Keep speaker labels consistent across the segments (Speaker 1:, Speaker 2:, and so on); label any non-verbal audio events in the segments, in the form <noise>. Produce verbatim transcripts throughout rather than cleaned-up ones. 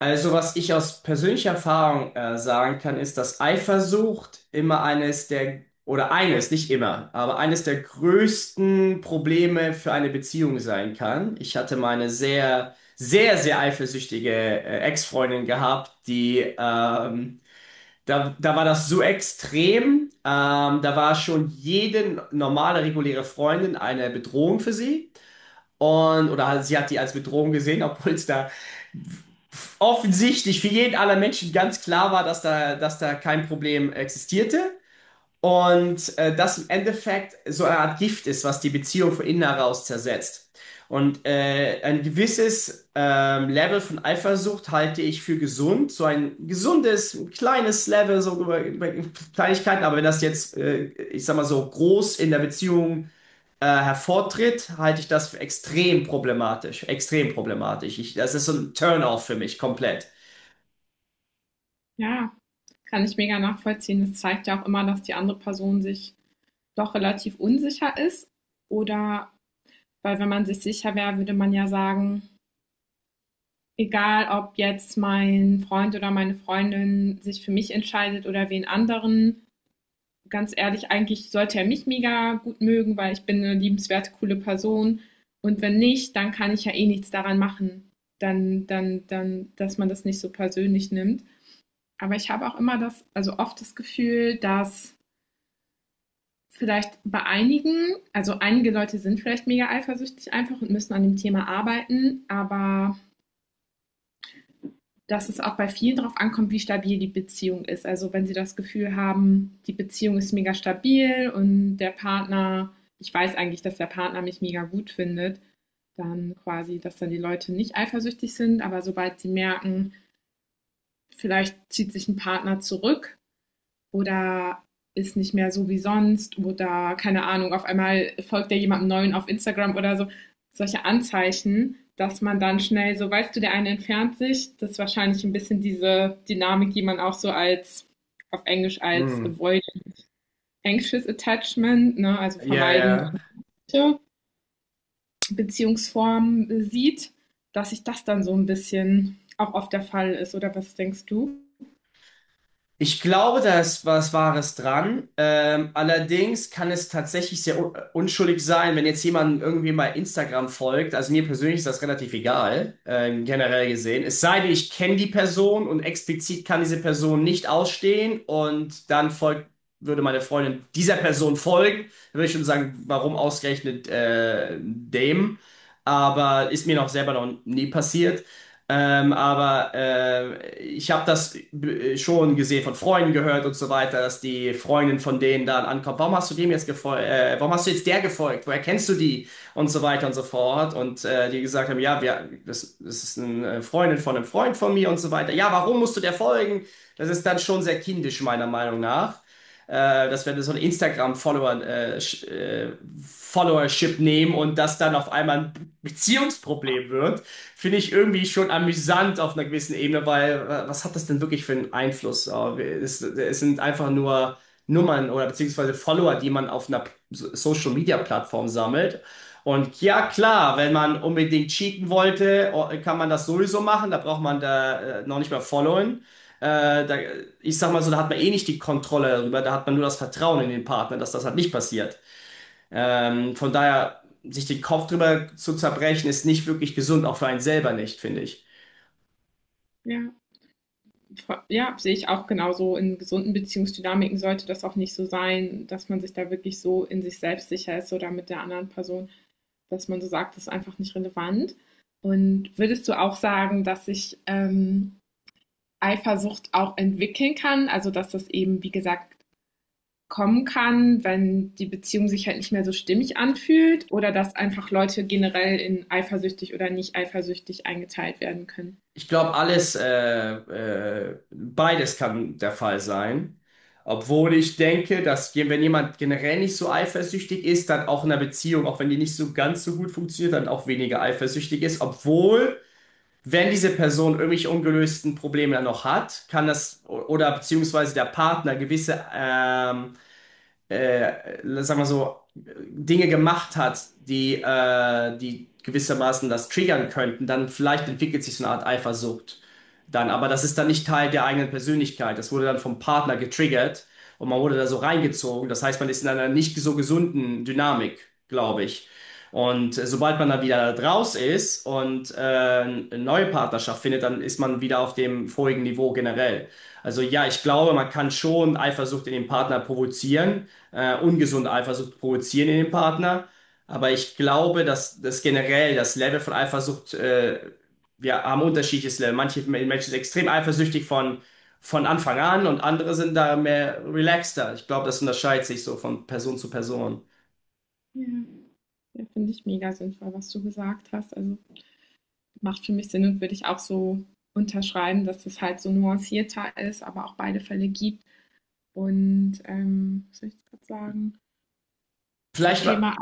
Speaker 1: Also, was ich aus persönlicher Erfahrung äh, sagen kann, ist, dass Eifersucht immer eines der, oder eines, nicht immer, aber eines der größten Probleme für eine Beziehung sein kann. Ich hatte meine sehr, sehr, sehr eifersüchtige äh, Ex-Freundin gehabt, die, ähm, da, da war das so extrem. Ähm, da war schon jede normale, reguläre Freundin eine Bedrohung für sie. Und, oder sie hat die als Bedrohung gesehen, <laughs> obwohl es da offensichtlich für jeden aller Menschen ganz klar war, dass da, dass da kein Problem existierte. Und äh, das im Endeffekt so eine Art Gift ist, was die Beziehung von innen heraus zersetzt. Und äh, ein gewisses ähm, Level von Eifersucht halte ich für gesund. So ein gesundes, ein kleines Level, so über, über Kleinigkeiten. Aber wenn das jetzt, äh, ich sag mal so, groß in der Beziehung äh, hervortritt, halte ich das für extrem problematisch. Extrem problematisch. Ich, das ist so ein Turn-off für mich komplett.
Speaker 2: Ja, kann ich mega nachvollziehen. Es zeigt ja auch immer, dass die andere Person sich doch relativ unsicher ist. Oder, weil wenn man sich sicher wäre, würde man ja sagen, egal ob jetzt mein Freund oder meine Freundin sich für mich entscheidet oder wen anderen, ganz ehrlich, eigentlich sollte er mich mega gut mögen, weil ich bin eine liebenswerte, coole Person. Und wenn nicht, dann kann ich ja eh nichts daran machen. Dann, dann, dann, dass man das nicht so persönlich nimmt. Aber ich habe auch immer das, also oft das Gefühl, dass vielleicht bei einigen, also einige Leute sind vielleicht mega eifersüchtig einfach und müssen an dem Thema arbeiten, aber dass es auch bei vielen darauf ankommt, wie stabil die Beziehung ist. Also wenn sie das Gefühl haben, die Beziehung ist mega stabil und der Partner, ich weiß eigentlich, dass der Partner mich mega gut findet, dann quasi, dass dann die Leute nicht eifersüchtig sind, aber sobald sie merken, vielleicht zieht sich ein Partner zurück oder ist nicht mehr so wie sonst oder keine Ahnung, auf einmal folgt er jemandem Neuen auf Instagram oder so. Solche Anzeichen, dass man dann schnell so, weißt du, der eine entfernt sich. Das ist wahrscheinlich ein bisschen diese Dynamik, die man auch so als auf Englisch als
Speaker 1: Hm.
Speaker 2: Avoid Anxious Attachment, ne, also
Speaker 1: Ja,
Speaker 2: vermeidende
Speaker 1: ja.
Speaker 2: Beziehungsformen sieht, dass sich das dann so ein bisschen auch oft der Fall ist. Oder was denkst du?
Speaker 1: Ich glaube, da ist was Wahres dran. Ähm, allerdings kann es tatsächlich sehr un unschuldig sein, wenn jetzt jemand irgendwie mal Instagram folgt. Also mir persönlich ist das relativ egal, ähm, generell gesehen. Es sei denn, ich kenne die Person und explizit kann diese Person nicht ausstehen und dann folgt, würde meine Freundin dieser Person folgen. Dann würde ich schon sagen, warum ausgerechnet äh, dem? Aber ist mir noch selber noch nie passiert. Ähm, aber äh, ich habe das b- schon gesehen, von Freunden gehört und so weiter, dass die Freundin von denen dann ankommt. Warum hast du dem jetzt gefolgt? Äh, warum hast du jetzt der gefolgt? Woher kennst du die? Und so weiter und so fort. Und äh, die gesagt haben, ja, wir, das, das ist eine Freundin von einem Freund von mir und so weiter. Ja, warum musst du der folgen? Das ist dann schon sehr kindisch, meiner Meinung nach, äh, dass wir so einen Instagram-Follower, äh, sch- äh, Followership nehmen und das dann auf einmal ein Beziehungsproblem wird, finde ich irgendwie schon amüsant auf einer gewissen Ebene, weil äh, was hat das denn wirklich für einen Einfluss? Äh, Es, es sind einfach nur Nummern oder beziehungsweise Follower, die man auf einer So- Social-Media-Plattform sammelt. Und ja, klar, wenn man unbedingt cheaten wollte, o- kann man das sowieso machen. Da braucht man da äh, noch nicht mehr followen. Äh, da, ich sag mal so, da hat man eh nicht die Kontrolle darüber, da hat man nur das Vertrauen in den Partner, dass das halt nicht passiert. Ähm, von daher, sich den Kopf drüber zu zerbrechen, ist nicht wirklich gesund, auch für einen selber nicht, finde ich.
Speaker 2: Ja. Ja, sehe ich auch genauso. In gesunden Beziehungsdynamiken sollte das auch nicht so sein, dass man sich da wirklich so in sich selbst sicher ist oder mit der anderen Person, dass man so sagt, das ist einfach nicht relevant. Und würdest du auch sagen, dass sich ähm, Eifersucht auch entwickeln kann? Also, dass das eben, wie gesagt, kommen kann, wenn die Beziehung sich halt nicht mehr so stimmig anfühlt oder dass einfach Leute generell in eifersüchtig oder nicht eifersüchtig eingeteilt werden können?
Speaker 1: Ich glaube, alles, äh, äh, beides kann der Fall sein. Obwohl ich denke, dass je- wenn jemand generell nicht so eifersüchtig ist, dann auch in einer Beziehung, auch wenn die nicht so ganz so gut funktioniert, dann auch weniger eifersüchtig ist. Obwohl wenn diese Person irgendwelche ungelösten Probleme noch hat, kann das oder beziehungsweise der Partner gewisse ähm, äh, sagen wir so, Dinge gemacht hat, die, äh, die gewissermaßen das triggern könnten, dann vielleicht entwickelt sich so eine Art Eifersucht dann. Aber das ist dann nicht Teil der eigenen Persönlichkeit. Das wurde dann vom Partner getriggert und man wurde da so reingezogen. Das heißt, man ist in einer nicht so gesunden Dynamik, glaube ich. Und äh, sobald man da wieder draus ist und äh, eine neue Partnerschaft findet, dann ist man wieder auf dem vorigen Niveau generell. Also ja, ich glaube, man kann schon Eifersucht in dem Partner provozieren, äh, ungesunde Eifersucht provozieren in dem Partner. Aber ich glaube, dass, dass generell das Level von Eifersucht, äh, wir haben unterschiedliches Level. Manche Menschen sind extrem eifersüchtig von, von Anfang an und andere sind da mehr relaxter. Ich glaube, das unterscheidet sich so von Person zu Person.
Speaker 2: Ja. Ja, finde ich mega sinnvoll, was du gesagt hast. Also macht für mich Sinn und würde ich auch so unterschreiben, dass es halt so nuancierter ist, aber auch beide Fälle gibt. Und ähm, was soll ich gerade sagen? Zum
Speaker 1: Vielleicht mal,
Speaker 2: Thema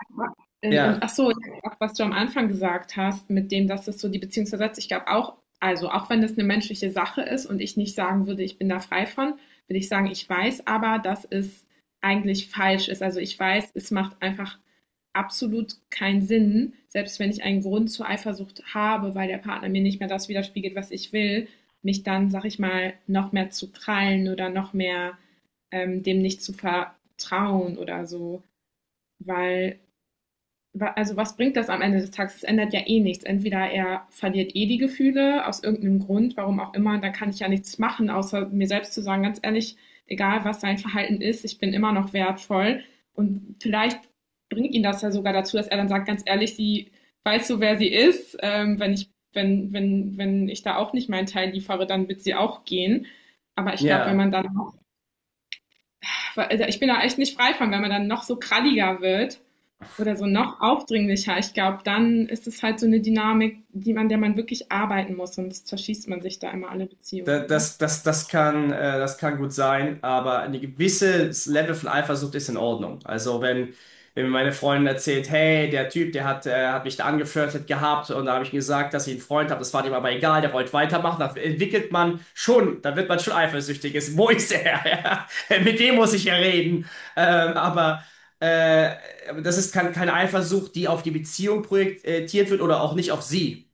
Speaker 2: in, in,
Speaker 1: ja,
Speaker 2: ach so, was du am Anfang gesagt hast, mit dem, dass es so die Beziehung zersetzt. Ich glaube auch, also auch wenn das eine menschliche Sache ist und ich nicht sagen würde, ich bin da frei von, würde ich sagen, ich weiß aber, dass es eigentlich falsch ist. Also ich weiß, es macht einfach absolut keinen Sinn, selbst wenn ich einen Grund zur Eifersucht habe, weil der Partner mir nicht mehr das widerspiegelt, was ich will, mich dann, sag ich mal, noch mehr zu krallen oder noch mehr ähm, dem nicht zu vertrauen oder so, weil also was bringt das am Ende des Tages? Es ändert ja eh nichts. Entweder er verliert eh die Gefühle aus irgendeinem Grund, warum auch immer, da kann ich ja nichts machen, außer mir selbst zu sagen, ganz ehrlich, egal was sein Verhalten ist, ich bin immer noch wertvoll. Und vielleicht bringt ihn das ja sogar dazu, dass er dann sagt, ganz ehrlich, sie weiß so, wer sie ist. Ähm, wenn ich, wenn, wenn, wenn ich da auch nicht meinen Teil liefere, dann wird sie auch gehen. Aber ich glaube, wenn
Speaker 1: ja.
Speaker 2: man dann, auch- also ich bin da echt nicht frei von, wenn man dann noch so kralliger wird, oder so noch aufdringlicher. Ich glaube, dann ist es halt so eine Dynamik, die man, der man wirklich arbeiten muss, sonst zerschießt man sich da immer alle
Speaker 1: Da-
Speaker 2: Beziehungen, oder?
Speaker 1: Das, das, das kann, äh, das kann gut sein, aber ein gewisses Level von Eifersucht ist in Ordnung. Also wenn, wenn mir meine Freundin erzählt, hey, der Typ, der hat, äh, hat mich da angeflirtet gehabt und da habe ich ihm gesagt, dass ich einen Freund habe, das war dem aber egal, der wollte weitermachen, da entwickelt man schon, da wird man schon eifersüchtig. Ist, wo ist er? <laughs> Ja, mit dem muss ich ja reden. Ähm, aber äh, aber das ist kein, keine Eifersucht, die auf die Beziehung projektiert wird oder auch nicht auf sie.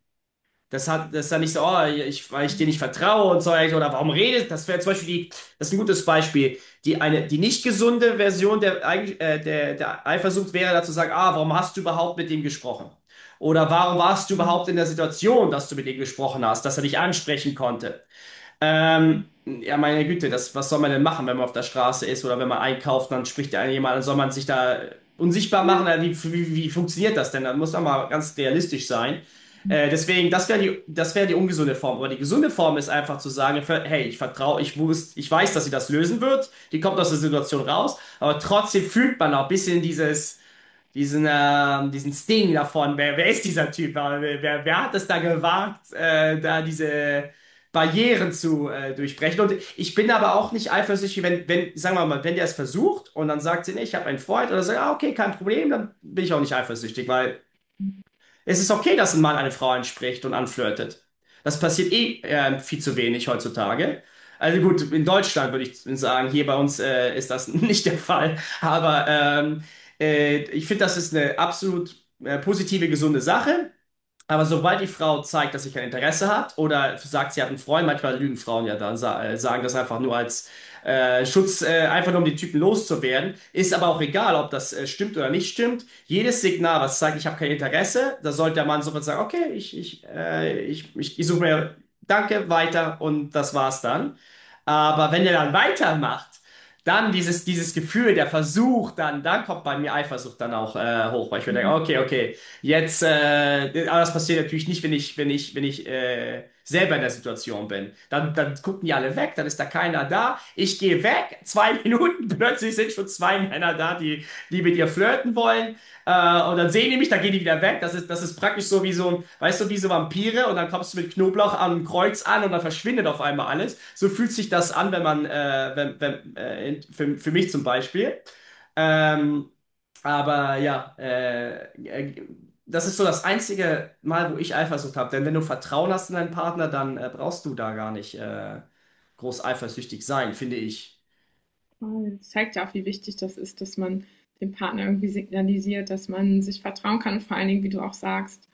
Speaker 1: Das hat, das ist dann nicht so, oh, ich, weil ich dir nicht vertraue und so, oder warum redet, das wäre zum Beispiel die, das ist ein gutes Beispiel. Die eine, die nicht gesunde Version der, Eig- äh, der, der Eifersucht wäre, dazu zu sagen, ah, warum hast du überhaupt mit ihm gesprochen? Oder warum warst du überhaupt in der Situation, dass du mit ihm gesprochen hast, dass er dich ansprechen konnte? Ähm, ja, meine Güte, das, was soll man denn machen, wenn man auf der Straße ist oder wenn man einkauft, dann spricht ja jemand, dann soll man sich da unsichtbar
Speaker 2: Ja.
Speaker 1: machen. Äh, Wie, wie, wie funktioniert das denn? Dann muss man mal ganz realistisch sein. Äh, deswegen, das wäre die, das wäre die ungesunde Form. Aber die gesunde Form ist einfach zu sagen, ver- hey, ich vertraue, ich wusste, ich weiß, dass sie das lösen wird. Die kommt aus der Situation raus, aber trotzdem fühlt man auch ein bisschen dieses diesen, ähm, diesen Sting davon. Wer, wer ist dieser Typ? Wer, wer, wer hat es da gewagt, äh, da diese Barrieren zu äh, durchbrechen? Und ich bin aber auch nicht eifersüchtig, wenn, wenn, sagen wir mal, wenn der es versucht und dann sagt sie, nee, ich habe einen Freund oder sagt, ah, okay, kein Problem, dann bin ich auch nicht eifersüchtig, weil es ist okay, dass ein Mann eine Frau anspricht und anflirtet. Das passiert eh äh, viel zu wenig heutzutage. Also gut, in Deutschland würde ich sagen, hier bei uns äh, ist das <laughs> nicht der Fall. Aber ähm, äh, ich finde, das ist eine absolut äh, positive, gesunde Sache. Aber sobald die Frau zeigt, dass sie kein Interesse hat oder sagt, sie hat einen Freund, manchmal lügen Frauen ja dann, sa- äh, sagen das einfach nur als äh, Schutz, äh, einfach nur um die Typen loszuwerden. Ist aber auch egal, ob das äh, stimmt oder nicht stimmt. Jedes Signal, was zeigt, ich habe kein Interesse, da sollte der Mann sofort sagen, okay, ich, ich, äh, ich, ich, ich suche mir Danke, weiter und das war's dann. Aber wenn er dann weitermacht, dann dieses, dieses Gefühl, der Versuch, dann, dann kommt bei mir Eifersucht dann auch äh, hoch, weil ich mir denke, okay, okay. Jetzt, äh, aber das passiert natürlich nicht, wenn ich, wenn ich, wenn ich äh, selber in der Situation bin. Dann, dann gucken die alle weg, dann ist da keiner da. Ich gehe weg, zwei <laughs> Minuten, plötzlich sind schon zwei Männer da, die, die mit dir flirten wollen. Äh, und dann sehen die mich, dann gehen die wieder weg. Das ist, das ist praktisch so wie so ein, weißt du, wie so Vampire und dann kommst du mit Knoblauch am Kreuz an und dann verschwindet auf einmal alles. So fühlt sich das an, wenn man, äh, wenn, wenn, äh, in- für, für mich zum Beispiel. Ähm, aber ja, äh, äh, das ist so das einzige Mal, wo ich Eifersucht habe. Denn wenn du Vertrauen hast in deinen Partner, dann äh, brauchst du da gar nicht äh, groß eifersüchtig sein, finde ich.
Speaker 2: Das zeigt ja auch, wie wichtig das ist, dass man dem Partner irgendwie signalisiert, dass man sich vertrauen kann und vor allen Dingen, wie du auch sagst,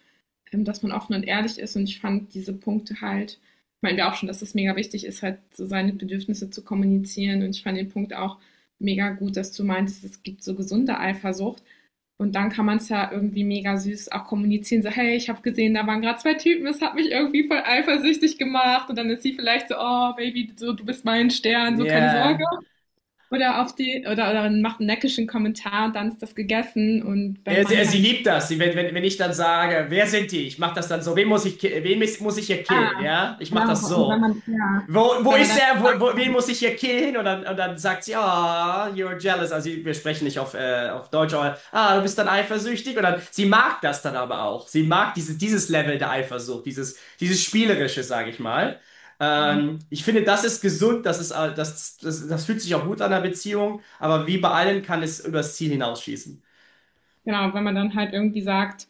Speaker 2: ähm, dass man offen und ehrlich ist. Und ich fand diese Punkte halt, meinen wir auch schon, dass es mega wichtig ist, halt so seine Bedürfnisse zu kommunizieren. Und ich fand den Punkt auch mega gut, dass du meinst, es gibt so gesunde Eifersucht. Und dann kann man es ja irgendwie mega süß auch kommunizieren, so, hey, ich habe gesehen, da waren gerade zwei Typen, es hat mich irgendwie voll eifersüchtig gemacht. Und dann ist sie vielleicht so, oh, Baby, so, du bist mein Stern, so keine Sorge.
Speaker 1: Ja.
Speaker 2: Oder auf die, oder, oder macht einen neckischen Kommentar und dann ist das gegessen. Und wenn
Speaker 1: Er, sie- er,
Speaker 2: man
Speaker 1: sie
Speaker 2: halt,
Speaker 1: liebt das. Sie, wenn, wenn, wenn ich dann sage, wer sind die? Ich mache das dann so. Wen muss ich, ki- wen mis- muss ich hier
Speaker 2: ah,
Speaker 1: killen? Ja, ich mache
Speaker 2: genau,
Speaker 1: das
Speaker 2: und wenn
Speaker 1: so.
Speaker 2: man, ja,
Speaker 1: Wo, wo
Speaker 2: wenn man
Speaker 1: ist
Speaker 2: dann,
Speaker 1: er? Wo, wo, wen muss ich hier killen? Und dann, und dann sagt sie, ah, you're jealous. Also sie- wir sprechen nicht auf, äh, auf Deutsch, aber ah, du bist dann eifersüchtig. Und dann, sie mag das dann aber auch. Sie mag diese, dieses Level der Eifersucht, dieses, dieses Spielerische, sage ich mal.
Speaker 2: genau,
Speaker 1: Ähm, ich finde, das ist gesund, das ist, all- das, das, das fühlt sich auch gut an der Beziehung, aber wie bei allem kann es übers Ziel hinausschießen.
Speaker 2: genau, wenn man dann halt irgendwie sagt,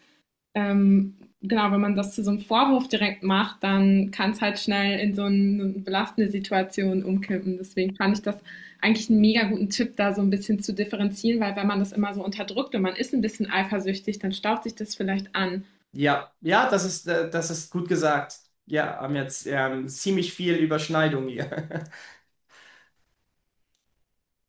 Speaker 2: ähm, genau, wenn man das zu so einem Vorwurf direkt macht, dann kann es halt schnell in so eine belastende Situation umkippen. Deswegen fand ich das eigentlich einen mega guten Tipp, da so ein bisschen zu differenzieren, weil wenn man das immer so unterdrückt und man ist ein bisschen eifersüchtig, dann staut sich das vielleicht an.
Speaker 1: Ja, ja, das ist, äh, das ist gut gesagt. Ja, haben jetzt ähm, ziemlich viel Überschneidung hier. <laughs>